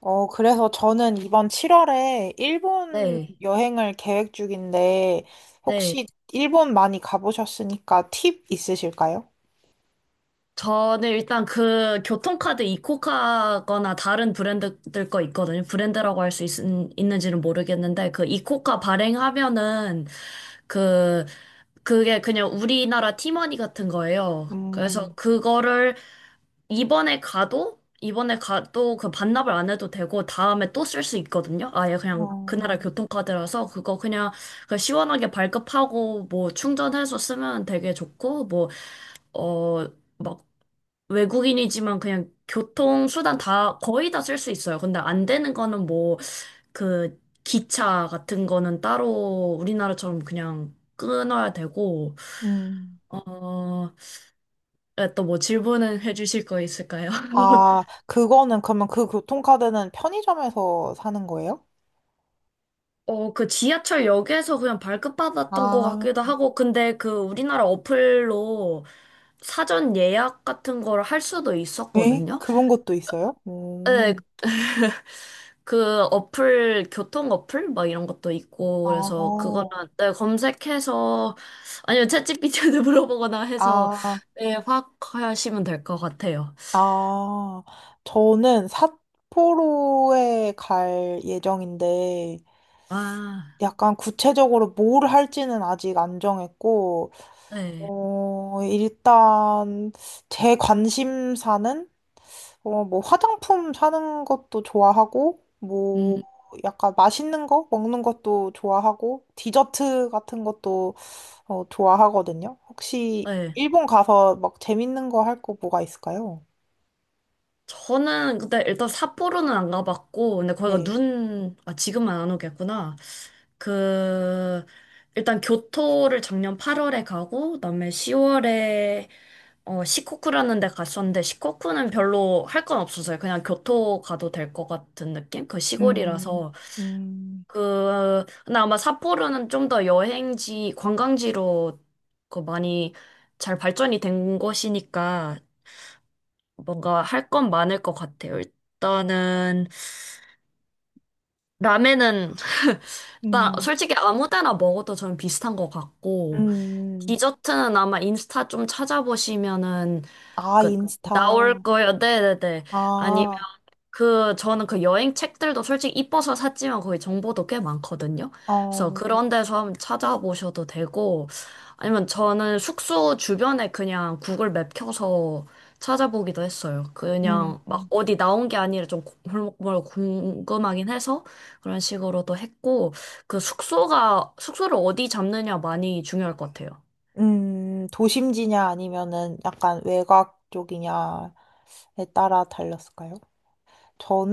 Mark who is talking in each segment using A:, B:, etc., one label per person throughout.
A: 그래서 저는 이번 7월에 일본
B: 네,
A: 여행을 계획 중인데,
B: 네.
A: 혹시 일본 많이 가보셨으니까 팁 있으실까요?
B: 저는 일단 그 교통카드 이코카거나 다른 브랜드들 거 있거든요. 브랜드라고 할 수 있는지는 모르겠는데, 그 이코카 발행하면은 그, 그게 그냥 우리나라 티머니 같은 거예요. 그래서
A: 음,
B: 그거를 이번에 가도 그 반납을 안 해도 되고, 다음에 또 쓸 수 있거든요. 아예 그냥 그
A: 어,
B: 나라 교통카드라서 그거 그냥 그 시원하게 발급하고 뭐 충전해서 쓰면 되게 좋고, 뭐 어, 막 외국인이지만 그냥 교통수단 다 거의 다 쓸 수 있어요. 근데 안 되는 거는 뭐 그 기차 같은 거는 따로 우리나라처럼 그냥 끊어야 되고,
A: 음.
B: 어, 또 뭐 질문은 해주실 거 있을까요?
A: 아, 그거는, 그러면 그 교통카드는 편의점에서 사는 거예요?
B: 그 지하철역에서 그냥 발급받았던 것
A: 아,
B: 같기도 하고, 근데 그 우리나라 어플로 사전 예약 같은 거를 할 수도
A: 에?
B: 있었거든요.
A: 그런 것도 있어요?
B: 네, 그 어플, 교통 어플? 막 이런 것도 있고,
A: 아,
B: 그래서 그거는 네, 검색해서, 아니면 챗 g 비 t 한테 물어보거나 해서,
A: 아,
B: 네, 확 하시면 될 것 같아요.
A: 아. 저는 삿포로에 갈 예정인데,
B: 아,
A: 약간 구체적으로 뭘 할지는 아직 안 정했고,
B: 네.
A: 일단 제 관심사는, 뭐 화장품 사는 것도 좋아하고,
B: 음,
A: 뭐 약간 맛있는 거 먹는 것도 좋아하고, 디저트 같은 것도 좋아하거든요. 혹시
B: 네.
A: 일본 가서 막 재밌는 거 할 거 뭐가 있을까요?
B: 저는 근데 일단 삿포로는 안 가봤고, 근데 거기가
A: 네.
B: 눈, 아, 지금은 안 오겠구나. 그, 일단 교토를 작년 8월에 가고, 그다음에 10월에 시코쿠라는 데 갔었는데, 시코쿠는 별로 할 건 없었어요. 그냥 교토 가도 될 것 같은 느낌? 그
A: 음,
B: 시골이라서.
A: 음,
B: 그, 근데 아마 삿포로는 좀 더 여행지, 관광지로 그 많이 잘 발전이 된 곳이니까 뭔가 할 건 많을 것 같아요. 일단은 라멘은 일단
A: 음,
B: 솔직히 아무 데나 먹어도 저는 비슷한 것 같고
A: 음.
B: 디저트는 아마 인스타 좀 찾아보시면은
A: 아,
B: 그 나올
A: 인스타.
B: 거예요. 네네네.
A: 아,
B: 그, 저는 그 여행 책들도 솔직히 이뻐서 샀지만 거기 정보도 꽤 많거든요. 그래서
A: 어,
B: 그런 데서 한번 찾아보셔도 되고, 아니면 저는 숙소 주변에 그냥 구글 맵 켜서 찾아보기도 했어요.
A: 음,
B: 그냥 막 어디 나온 게 아니라 좀 골목골목 궁금하긴 해서 그런 식으로도 했고, 그 숙소를 어디 잡느냐 많이 중요할 것 같아요.
A: 도심지냐 아니면은 약간 외곽 쪽이냐에 따라 달렸을까요?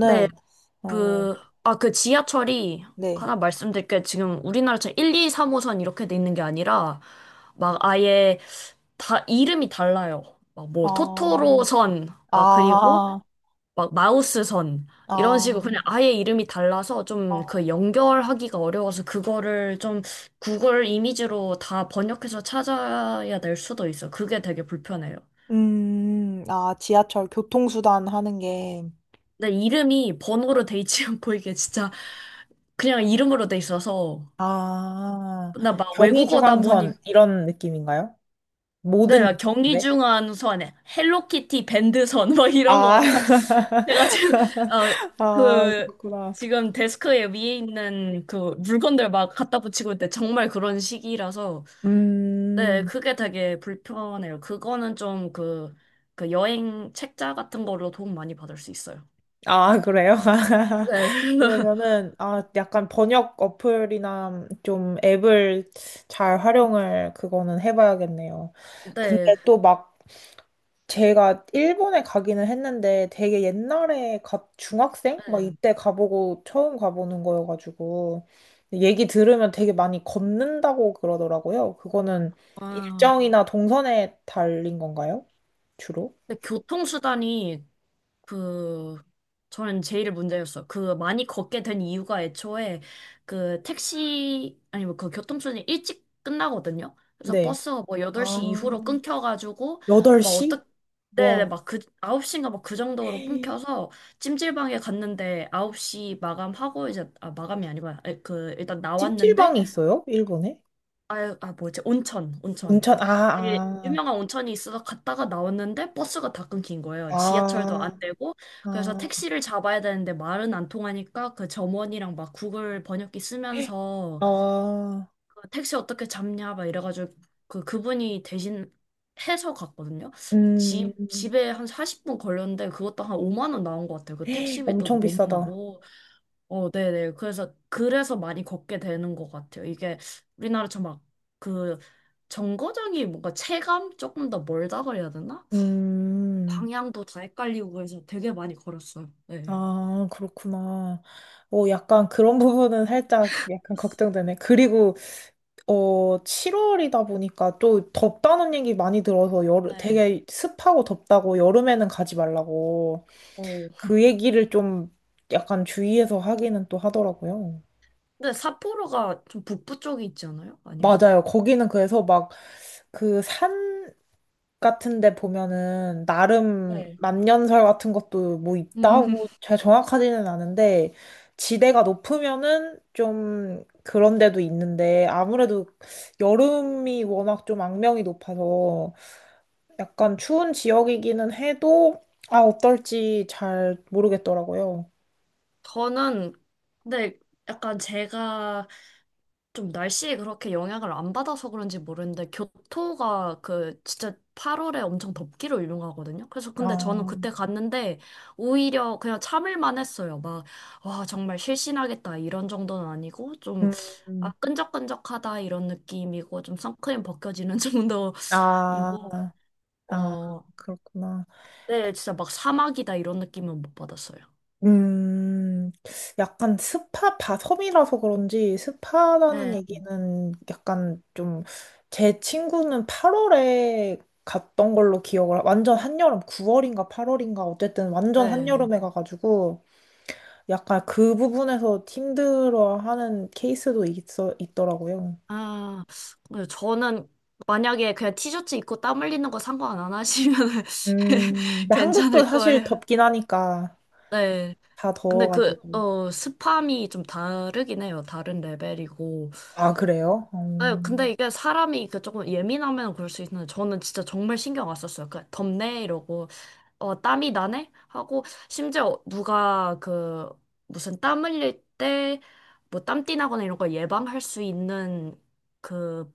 B: 네,
A: 어,
B: 그, 아, 그 지하철이
A: 네.
B: 하나 말씀드릴 게 지금 우리나라처럼 1, 2, 3호선 이렇게 돼 있는 게 아니라 막 아예 다 이름이 달라요. 막 뭐
A: 아,
B: 토토로선, 막 그리고
A: 아,
B: 막 마우스선 이런
A: 아,
B: 식으로 그냥 아예 이름이 달라서 좀 그
A: 아.
B: 연결하기가 어려워서 그거를 좀 구글 이미지로 다 번역해서 찾아야 될 수도 있어. 그게 되게 불편해요.
A: 아, 지하철 교통수단 하는 게,
B: 근데 이름이 번호로 돼 있지 않고 이게 진짜 그냥 이름으로 돼 있어서
A: 아,
B: 나 막 외국어다 보니
A: 경의중앙선 이런 느낌인가요? 모든
B: 내가 경기
A: 역인데?
B: 중한 선에 헬로키티 밴드 선뭐 이런
A: 아,
B: 거 막 내가 지금
A: 아,
B: 어그
A: 그렇구나.
B: 지금 데스크에 위에 있는 그 물건들 막 갖다 붙이고 있는데 정말 그런 시기라서 네
A: 음,
B: 그게 되게 불편해요. 그거는 좀 그 여행 책자 같은 걸로 도움 많이 받을 수 있어요.
A: 아, 그래요?
B: 네.
A: 그러면은, 아, 약간 번역 어플이나 좀 앱을 잘 활용을 그거는 해봐야겠네요. 근데
B: 네.
A: 또 막 제가 일본에 가기는 했는데 되게 옛날에 중학생? 막
B: 네.
A: 이때 가보고 처음 가보는 거여가지고 얘기 들으면 되게 많이 걷는다고 그러더라고요. 그거는
B: 아,
A: 일정이나 동선에 달린 건가요? 주로?
B: 근데 교통수단이 그 저는 제일 문제였어. 그 많이 걷게 된 이유가 애초에 그 택시 아니 뭐 그 교통수단이 일찍 끝나거든요. 그래서
A: 네.
B: 버스가 뭐
A: 아,
B: 8시 이후로 끊겨가지고 막
A: 8시?
B: 어떻게 네네
A: 와.
B: 막 그 9시인가 막 그 정도로 끊겨서 찜질방에 갔는데 9시 마감하고 이제 아 마감이 아니구나. 아니, 그 일단 나왔는데
A: 찜질방이 있어요? 일본에?
B: 아, 아 뭐지? 온천, 온천.
A: 온천,
B: 되게
A: 아,
B: 유명한 온천이 있어서 갔다가 나왔는데 버스가 다 끊긴 거예요. 지하철도 안
A: 아,
B: 되고.
A: 아,
B: 그래서
A: 아,
B: 택시를 잡아야 되는데 말은 안 통하니까 그 점원이랑 막 구글 번역기 쓰면서
A: 아,
B: 그 택시 어떻게 잡냐 막 이래가지고 그 그분이 대신 해서 갔거든요.
A: 음,
B: 집에 한 40분 걸렸는데 그것도 한 5만 원 나온 것 같아요. 그 택시비도
A: 엄청
B: 너무
A: 비싸다.
B: 나고. 어, 네네. 그래서 많이 걷게 되는 것 같아요. 이게 우리나라처럼 막, 그, 정거장이 뭔가 체감 조금 더 멀다 그래야 되나?
A: 음,
B: 방향도 다 헷갈리고 그래서 되게 많이 걸었어요. 네.
A: 아, 그렇구나. 약간 그런 부분은 살짝 약간 걱정되네. 그리고, 7월이다 보니까 또 덥다는 얘기 많이 들어서 여름,
B: 네.
A: 되게 습하고 덥다고 여름에는 가지 말라고
B: 어.
A: 그 얘기를 좀 약간 주의해서 하기는 또 하더라고요.
B: 근데 삿포로가 좀 북부 쪽에 있지 않아요? 아닌가?
A: 맞아요. 거기는 그래서 막 그 산 같은데 보면은 나름
B: 네.
A: 만년설 같은 것도 뭐
B: 음,
A: 있다고 잘 정확하지는 않은데 지대가 높으면은 좀 그런 데도 있는데 아무래도 여름이 워낙 좀 악명이 높아서 약간 추운 지역이기는 해도 아 어떨지 잘 모르겠더라고요.
B: 저는, 근데 약간 제가 좀 날씨에 그렇게 영향을 안 받아서 그런지 모르는데 교토가 그 진짜 8월에 엄청 덥기로 유명하거든요. 그래서 근데 저는
A: 아,
B: 그때 갔는데 오히려 그냥 참을만 했어요. 막, 와, 정말 실신하겠다 이런 정도는 아니고 좀
A: 음,
B: 아,
A: 음.
B: 끈적끈적하다 이런 느낌이고 좀 선크림 벗겨지는 정도이고
A: 아, 아,
B: 어,
A: 그렇구나.
B: 네, 진짜 막 사막이다 이런 느낌은 못 받았어요.
A: 음, 약간 스파, 바, 섬이라서 그런지 스파라는
B: 네,
A: 얘기는 약간 좀, 제 친구는 8월에 갔던 걸로 기억을, 완전 한여름, 9월인가 8월인가, 어쨌든 완전
B: 네.
A: 한여름에 가가지고, 약간 그 부분에서 힘들어하는 케이스도 있더라고요.
B: 아, 네, 저는 만약에 그냥 티셔츠 입고 땀 흘리는 거 상관 안 하시면
A: 근데 한국도
B: 괜찮을
A: 사실
B: 거예요.
A: 덥긴 하니까,
B: 네.
A: 다
B: 근데 그,
A: 더워가지고.
B: 스팸이 좀 다르긴 해요. 다른 레벨이고.
A: 아, 그래요?
B: 네, 근데 이게 사람이 그 조금 예민하면 그럴 수 있는데 저는 진짜 정말 신경 안 썼어요. 그 덥네 이러고 땀이 나네 하고 심지어 누가 그 무슨 땀 흘릴 때 뭐 땀띠 나거나 이런 걸 예방할 수 있는 그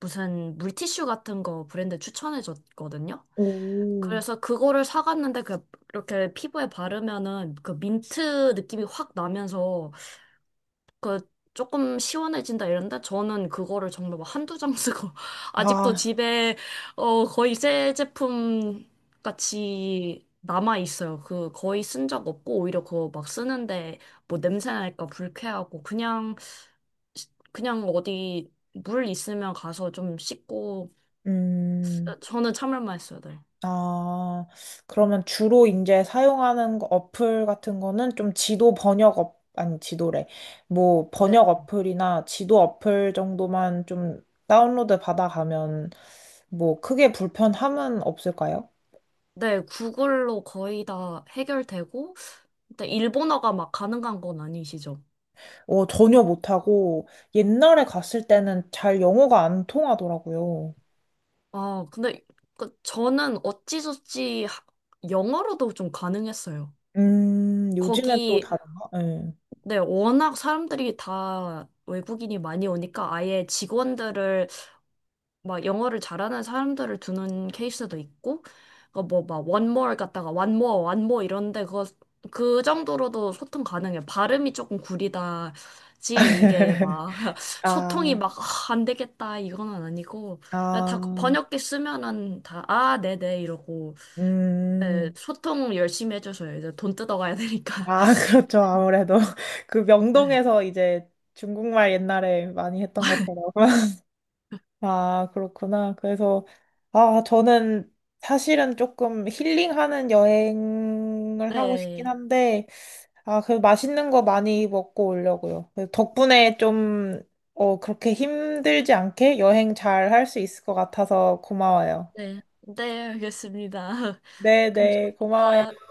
B: 무슨 물티슈 같은 거 브랜드 추천해 줬거든요.
A: 오,
B: 그래서 그거를 사갔는데 그 이렇게 피부에 바르면은 그 민트 느낌이 확 나면서 그 조금 시원해진다 이런데 저는 그거를 정말 막 한두 장 쓰고 아직도
A: 아,
B: 집에 어 거의 새 제품 같이 남아 있어요. 그 거의 쓴 적 없고 오히려 그거 막 쓰는데 뭐 냄새 날까 불쾌하고 그냥 그냥 어디 물 있으면 가서 좀 씻고
A: 음.
B: 저는 참을만 했어요, 네.
A: 아, 그러면 주로 이제 사용하는 어플 같은 거는 좀 지도 번역 아니 지도래. 뭐
B: 네.
A: 번역 어플이나 지도 어플 정도만 좀 다운로드 받아가면 뭐 크게 불편함은 없을까요?
B: 네, 구글로 거의 다 해결되고, 근데 일본어가 막 가능한 건 아니시죠?
A: 어, 전혀 못하고 옛날에 갔을 때는 잘 영어가 안 통하더라고요.
B: 아, 근데 그 저는 어찌저찌 영어로도 좀 가능했어요.
A: 요즘엔 또
B: 거기,
A: 다른가? 예.
B: 네, 워낙 사람들이 다 외국인이 많이 오니까 아예 직원들을 막 영어를 잘하는 사람들을 두는 케이스도 있고, 뭐막 one more 갖다가 one more, one more 이런데 그거 그 정도로도 소통 가능해. 발음이 조금 구리다지 이게 막 소통이
A: 아,
B: 막 아, 안 되겠다 이거는 아니고 다
A: 아,
B: 번역기 쓰면은 다 아 네네 이러고 네,
A: 음.
B: 소통 열심히 해줘서요. 이제 돈 뜯어가야 되니까.
A: 아, 그렇죠. 아무래도 그
B: 네,
A: 명동에서 이제 중국말 옛날에 많이 했던 것처럼. 아, 그렇구나. 그래서 아, 저는 사실은 조금 힐링하는 여행을 하고 싶긴
B: 네,
A: 한데 아, 그 맛있는 거 많이 먹고 오려고요. 그 덕분에 좀 그렇게 힘들지 않게 여행 잘 할 수 있을 것 같아서 고마워요.
B: 네, 네, 알겠습니다.
A: 네, 네. 고마워요.
B: 감사합니다.